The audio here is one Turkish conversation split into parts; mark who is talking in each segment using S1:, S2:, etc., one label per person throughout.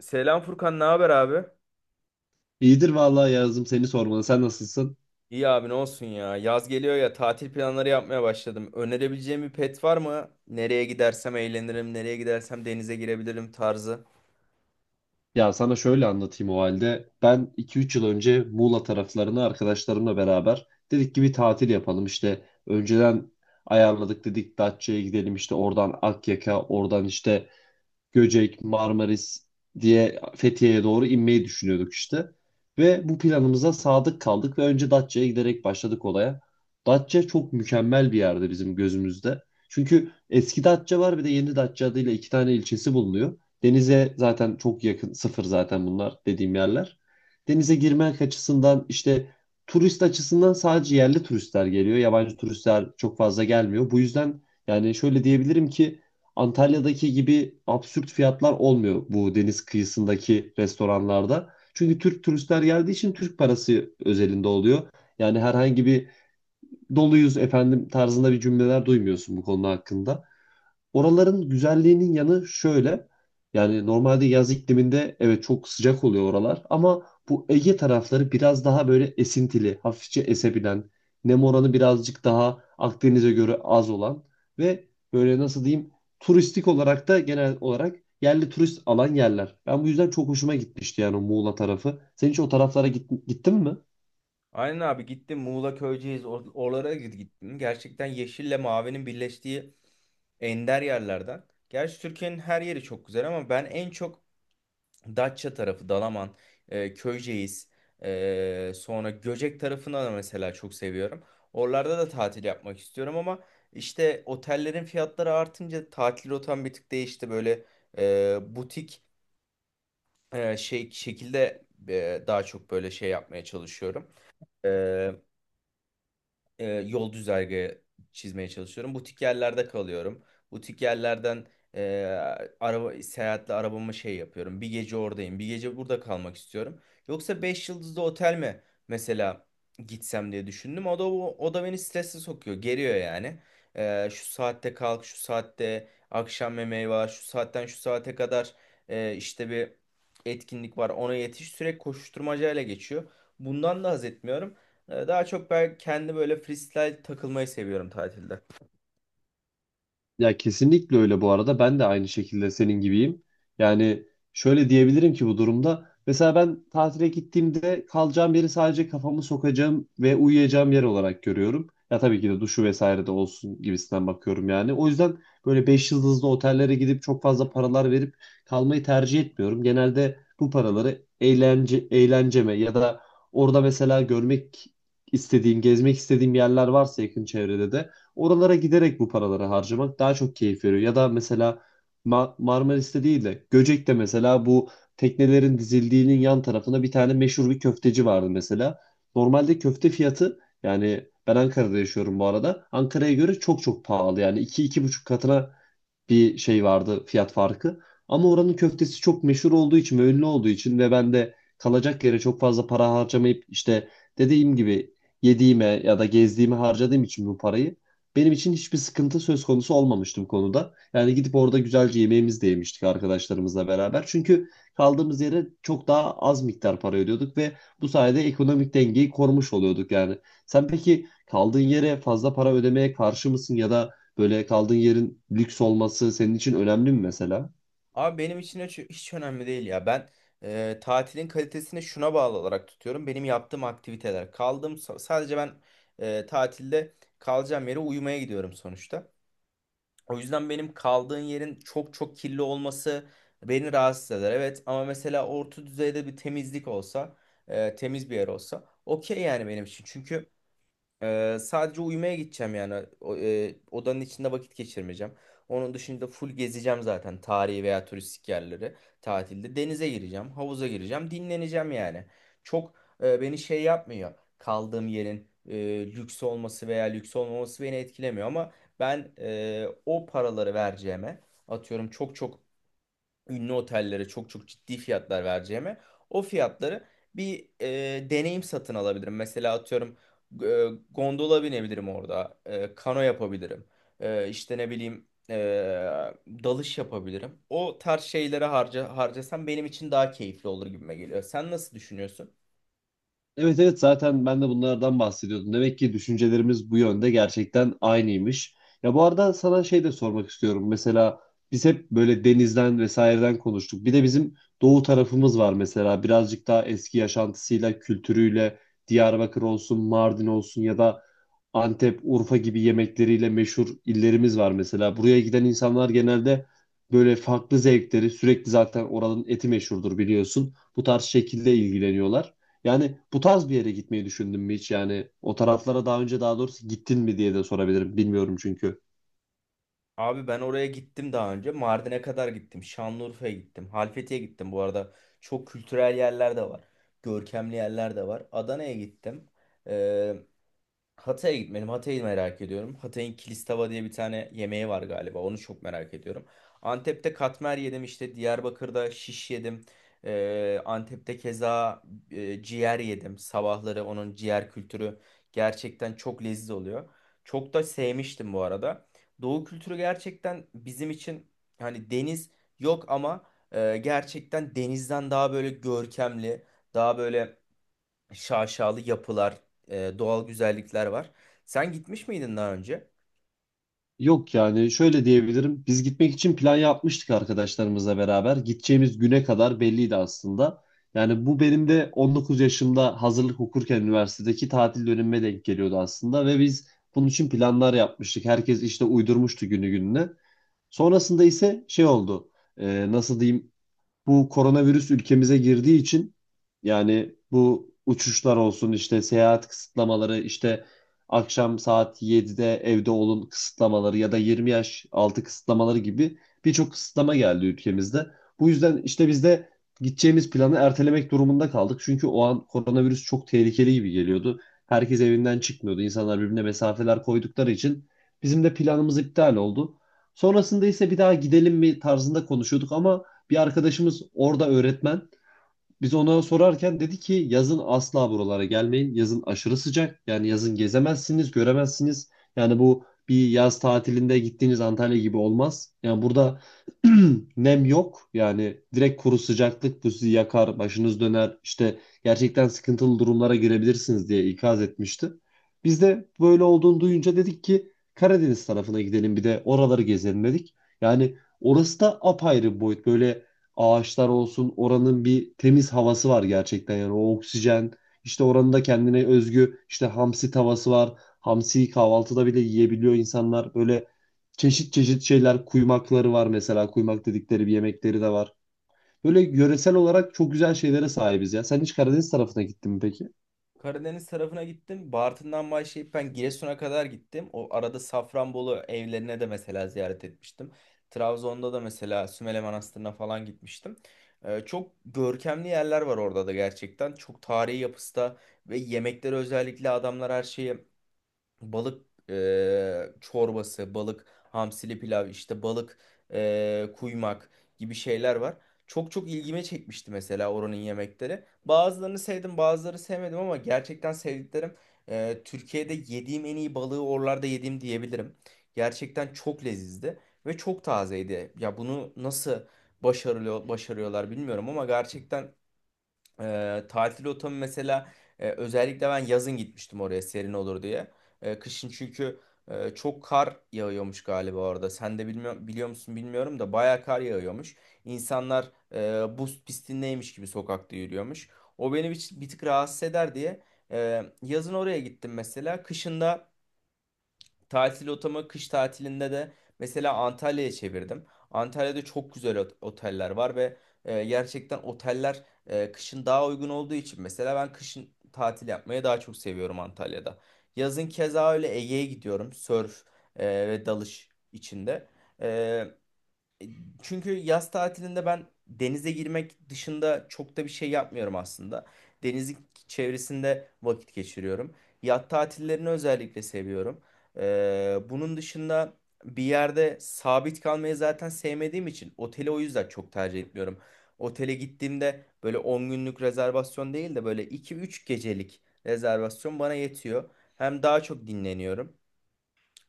S1: Selam Furkan, ne haber abi?
S2: İyidir vallahi yazdım seni sormalı. Sen nasılsın?
S1: İyi abi ne olsun ya. Yaz geliyor ya tatil planları yapmaya başladım. Önerebileceğim bir pet var mı? Nereye gidersem eğlenirim, nereye gidersem denize girebilirim tarzı.
S2: Ya sana şöyle anlatayım o halde. Ben 2-3 yıl önce Muğla taraflarına arkadaşlarımla beraber dedik ki bir tatil yapalım. İşte önceden ayarladık, dedik Datça'ya gidelim, işte oradan Akyaka, oradan işte Göcek, Marmaris diye Fethiye'ye doğru inmeyi düşünüyorduk işte. Ve bu planımıza sadık kaldık ve önce Datça'ya giderek başladık olaya. Datça çok mükemmel bir yerde bizim gözümüzde. Çünkü eski Datça var, bir de yeni Datça adıyla iki tane ilçesi bulunuyor. Denize zaten çok yakın, sıfır zaten bunlar, dediğim yerler. Denize girmek açısından, işte turist açısından, sadece yerli turistler geliyor. Yabancı turistler çok fazla gelmiyor. Bu yüzden yani şöyle diyebilirim ki, Antalya'daki gibi absürt fiyatlar olmuyor bu deniz kıyısındaki restoranlarda. Çünkü Türk turistler geldiği için Türk parası özelinde oluyor. Yani herhangi bir doluyuz efendim tarzında bir cümleler duymuyorsun bu konu hakkında. Oraların güzelliğinin yanı şöyle. Yani normalde yaz ikliminde evet çok sıcak oluyor oralar, ama bu Ege tarafları biraz daha böyle esintili, hafifçe esebilen, nem oranı birazcık daha Akdeniz'e göre az olan ve böyle nasıl diyeyim, turistik olarak da genel olarak yerli turist alan yerler. Ben bu yüzden çok hoşuma gitmişti yani o Muğla tarafı. Sen hiç o taraflara gittin mi?
S1: Aynen abi gittim Muğla Köyceğiz oralara gittim. Gerçekten yeşille mavinin birleştiği ender yerlerden. Gerçi Türkiye'nin her yeri çok güzel ama ben en çok Datça tarafı, Dalaman, Köyceğiz, sonra Göcek tarafını da mesela çok seviyorum. Oralarda da tatil yapmak istiyorum ama işte otellerin fiyatları artınca tatil rotam bir tık değişti. Böyle butik şey şekilde daha çok böyle şey yapmaya çalışıyorum. E, Yol güzergahı çizmeye çalışıyorum. Butik yerlerde kalıyorum. Butik yerlerden e, araba seyahatle arabamı şey yapıyorum. Bir gece oradayım, bir gece burada kalmak istiyorum. Yoksa 5 yıldızlı otel mi mesela gitsem diye düşündüm. O da beni strese sokuyor, geriyor yani. Şu saatte kalk, şu saatte akşam yemeği var, şu saatten şu saate kadar işte bir etkinlik var. Ona yetiş sürekli koşuşturmacayla geçiyor. Bundan da haz etmiyorum. Daha çok ben kendi böyle freestyle takılmayı seviyorum tatilde.
S2: Ya kesinlikle öyle bu arada. Ben de aynı şekilde senin gibiyim. Yani şöyle diyebilirim ki bu durumda. Mesela ben tatile gittiğimde kalacağım yeri sadece kafamı sokacağım ve uyuyacağım yer olarak görüyorum. Ya tabii ki de duşu vesaire de olsun gibisinden bakıyorum yani. O yüzden böyle 5 yıldızlı otellere gidip çok fazla paralar verip kalmayı tercih etmiyorum. Genelde bu paraları eğlence, eğlenceme, ya da orada mesela görmek istediğim, gezmek istediğim yerler varsa yakın çevrede de oralara giderek bu paraları harcamak daha çok keyif veriyor. Ya da mesela Marmaris'te değil de Göcek'te mesela, bu teknelerin dizildiğinin yan tarafında bir tane meşhur bir köfteci vardı mesela. Normalde köfte fiyatı, yani ben Ankara'da yaşıyorum bu arada, Ankara'ya göre çok çok pahalı, yani iki iki buçuk katına bir şey vardı fiyat farkı. Ama oranın köftesi çok meşhur olduğu için ve ünlü olduğu için, ve ben de kalacak yere çok fazla para harcamayıp, işte dediğim gibi yediğime ya da gezdiğime harcadığım için bu parayı, benim için hiçbir sıkıntı söz konusu olmamıştı bu konuda. Yani gidip orada güzelce yemeğimizi de yemiştik arkadaşlarımızla beraber. Çünkü kaldığımız yere çok daha az miktar para ödüyorduk ve bu sayede ekonomik dengeyi korumuş oluyorduk yani. Sen peki kaldığın yere fazla para ödemeye karşı mısın, ya da böyle kaldığın yerin lüks olması senin için önemli mi mesela?
S1: Abi benim için hiç önemli değil ya. Ben tatilin kalitesini şuna bağlı olarak tutuyorum. Benim yaptığım aktiviteler. Kaldığım sadece ben tatilde kalacağım yere uyumaya gidiyorum sonuçta. O yüzden benim kaldığın yerin çok çok kirli olması beni rahatsız eder. Evet ama mesela orta düzeyde bir temizlik olsa, temiz bir yer olsa okey yani benim için. Çünkü sadece uyumaya gideceğim yani. Odanın içinde vakit geçirmeyeceğim. Onun dışında full gezeceğim zaten tarihi veya turistik yerleri tatilde. Denize gireceğim, havuza gireceğim, dinleneceğim yani. Çok beni şey yapmıyor. Kaldığım yerin lüks olması veya lüks olmaması beni etkilemiyor ama ben o paraları vereceğime atıyorum çok çok ünlü otellere çok çok ciddi fiyatlar vereceğime o fiyatları bir deneyim satın alabilirim. Mesela atıyorum e, gondola binebilirim orada, kano yapabilirim, işte ne bileyim dalış yapabilirim. O tarz şeylere harcasam benim için daha keyifli olur gibime geliyor. Sen nasıl düşünüyorsun?
S2: Evet, evet, zaten ben de bunlardan bahsediyordum. Demek ki düşüncelerimiz bu yönde gerçekten aynıymış. Ya bu arada sana şey de sormak istiyorum. Mesela biz hep böyle denizden vesaireden konuştuk. Bir de bizim doğu tarafımız var mesela. Birazcık daha eski yaşantısıyla, kültürüyle Diyarbakır olsun, Mardin olsun, ya da Antep, Urfa gibi yemekleriyle meşhur illerimiz var mesela. Buraya giden insanlar genelde böyle farklı zevkleri, sürekli zaten oranın eti meşhurdur biliyorsun, bu tarz şekilde ilgileniyorlar. Yani bu tarz bir yere gitmeyi düşündün mü hiç? Yani o taraflara daha önce, daha doğrusu, gittin mi diye de sorabilirim. Bilmiyorum çünkü.
S1: Abi ben oraya gittim daha önce. Mardin'e kadar gittim. Şanlıurfa'ya gittim. Halfeti'ye gittim bu arada. Çok kültürel yerler de var. Görkemli yerler de var. Adana'ya gittim. Hatay'a gitmedim. Hatay'ı merak ediyorum. Hatay'ın Kilistava diye bir tane yemeği var galiba. Onu çok merak ediyorum. Antep'te katmer yedim işte. Diyarbakır'da şiş yedim. Antep'te keza ciğer yedim. Sabahları onun ciğer kültürü gerçekten çok lezzetli oluyor. Çok da sevmiştim bu arada. Doğu kültürü gerçekten bizim için hani deniz yok ama gerçekten denizden daha böyle görkemli, daha böyle şaşalı yapılar, doğal güzellikler var. Sen gitmiş miydin daha önce?
S2: Yok, yani şöyle diyebilirim. Biz gitmek için plan yapmıştık arkadaşlarımızla beraber. Gideceğimiz güne kadar belliydi aslında. Yani bu benim de 19 yaşımda hazırlık okurken üniversitedeki tatil dönemime denk geliyordu aslında, ve biz bunun için planlar yapmıştık. Herkes işte uydurmuştu günü gününe. Sonrasında ise şey oldu. Nasıl diyeyim? Bu koronavirüs ülkemize girdiği için, yani bu uçuşlar olsun, işte seyahat kısıtlamaları, işte akşam saat 7'de evde olun kısıtlamaları ya da 20 yaş altı kısıtlamaları gibi birçok kısıtlama geldi ülkemizde. Bu yüzden işte biz de gideceğimiz planı ertelemek durumunda kaldık. Çünkü o an koronavirüs çok tehlikeli gibi geliyordu. Herkes evinden çıkmıyordu. İnsanlar birbirine mesafeler koydukları için bizim de planımız iptal oldu. Sonrasında ise bir daha gidelim mi tarzında konuşuyorduk, ama bir arkadaşımız orada öğretmen. Biz ona sorarken dedi ki yazın asla buralara gelmeyin. Yazın aşırı sıcak. Yani yazın gezemezsiniz, göremezsiniz. Yani bu bir yaz tatilinde gittiğiniz Antalya gibi olmaz. Yani burada nem yok. Yani direkt kuru sıcaklık, bu sizi yakar, başınız döner. İşte gerçekten sıkıntılı durumlara girebilirsiniz diye ikaz etmişti. Biz de böyle olduğunu duyunca dedik ki Karadeniz tarafına gidelim, bir de oraları gezelim dedik. Yani orası da apayrı bir boyut. Böyle ağaçlar olsun, oranın bir temiz havası var gerçekten, yani o oksijen, işte oranın da kendine özgü işte hamsi tavası var. Hamsiyi kahvaltıda bile yiyebiliyor insanlar. Böyle çeşit çeşit şeyler, kuymakları var mesela, kuymak dedikleri bir yemekleri de var. Böyle yöresel olarak çok güzel şeylere sahibiz ya. Sen hiç Karadeniz tarafına gittin mi peki?
S1: Karadeniz tarafına gittim. Bartın'dan başlayıp ben Giresun'a kadar gittim. O arada Safranbolu evlerine de mesela ziyaret etmiştim. Trabzon'da da mesela Sümele Manastırı'na falan gitmiştim. Çok görkemli yerler var orada da gerçekten. Çok tarihi yapısı da ve yemekleri özellikle adamlar her şeyi balık çorbası, balık hamsili pilav, işte balık kuymak gibi şeyler var. Çok çok ilgime çekmişti mesela oranın yemekleri. Bazılarını sevdim, bazıları sevmedim ama gerçekten sevdiklerim Türkiye'de yediğim en iyi balığı oralarda yediğim diyebilirim. Gerçekten çok lezizdi ve çok tazeydi. Ya bunu nasıl başarıyorlar bilmiyorum ama gerçekten tatil rotamı mesela özellikle ben yazın gitmiştim oraya serin olur diye. Kışın çünkü çok kar yağıyormuş galiba orada. Sen de biliyor musun bilmiyorum da bayağı kar yağıyormuş. İnsanlar buz pistindeymiş gibi sokakta yürüyormuş. O beni bir tık rahatsız eder diye yazın oraya gittim mesela. Tatil otamı kış tatilinde de mesela Antalya'ya çevirdim. Antalya'da çok güzel oteller var ve gerçekten oteller kışın daha uygun olduğu için mesela ben kışın tatil yapmayı daha çok seviyorum Antalya'da. Yazın keza öyle Ege'ye gidiyorum. Sörf ve dalış içinde. E, e, Çünkü yaz tatilinde ben denize girmek dışında çok da bir şey yapmıyorum aslında. Denizin çevresinde vakit geçiriyorum. Yat tatillerini özellikle seviyorum. Bunun dışında bir yerde sabit kalmayı zaten sevmediğim için oteli o yüzden çok tercih etmiyorum. Otele gittiğimde böyle 10 günlük rezervasyon değil de böyle 2-3 gecelik rezervasyon bana yetiyor. Hem daha çok dinleniyorum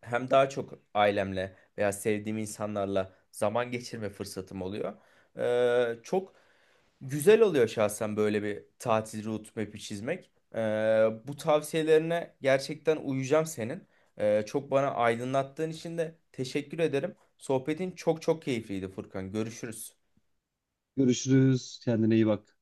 S1: hem daha çok ailemle veya sevdiğim insanlarla zaman geçirme fırsatım oluyor. Çok güzel oluyor şahsen böyle bir tatil route map'i çizmek. Bu tavsiyelerine gerçekten uyacağım senin. Çok bana aydınlattığın için de teşekkür ederim. Sohbetin çok çok keyifliydi Furkan. Görüşürüz.
S2: Görüşürüz. Kendine iyi bak.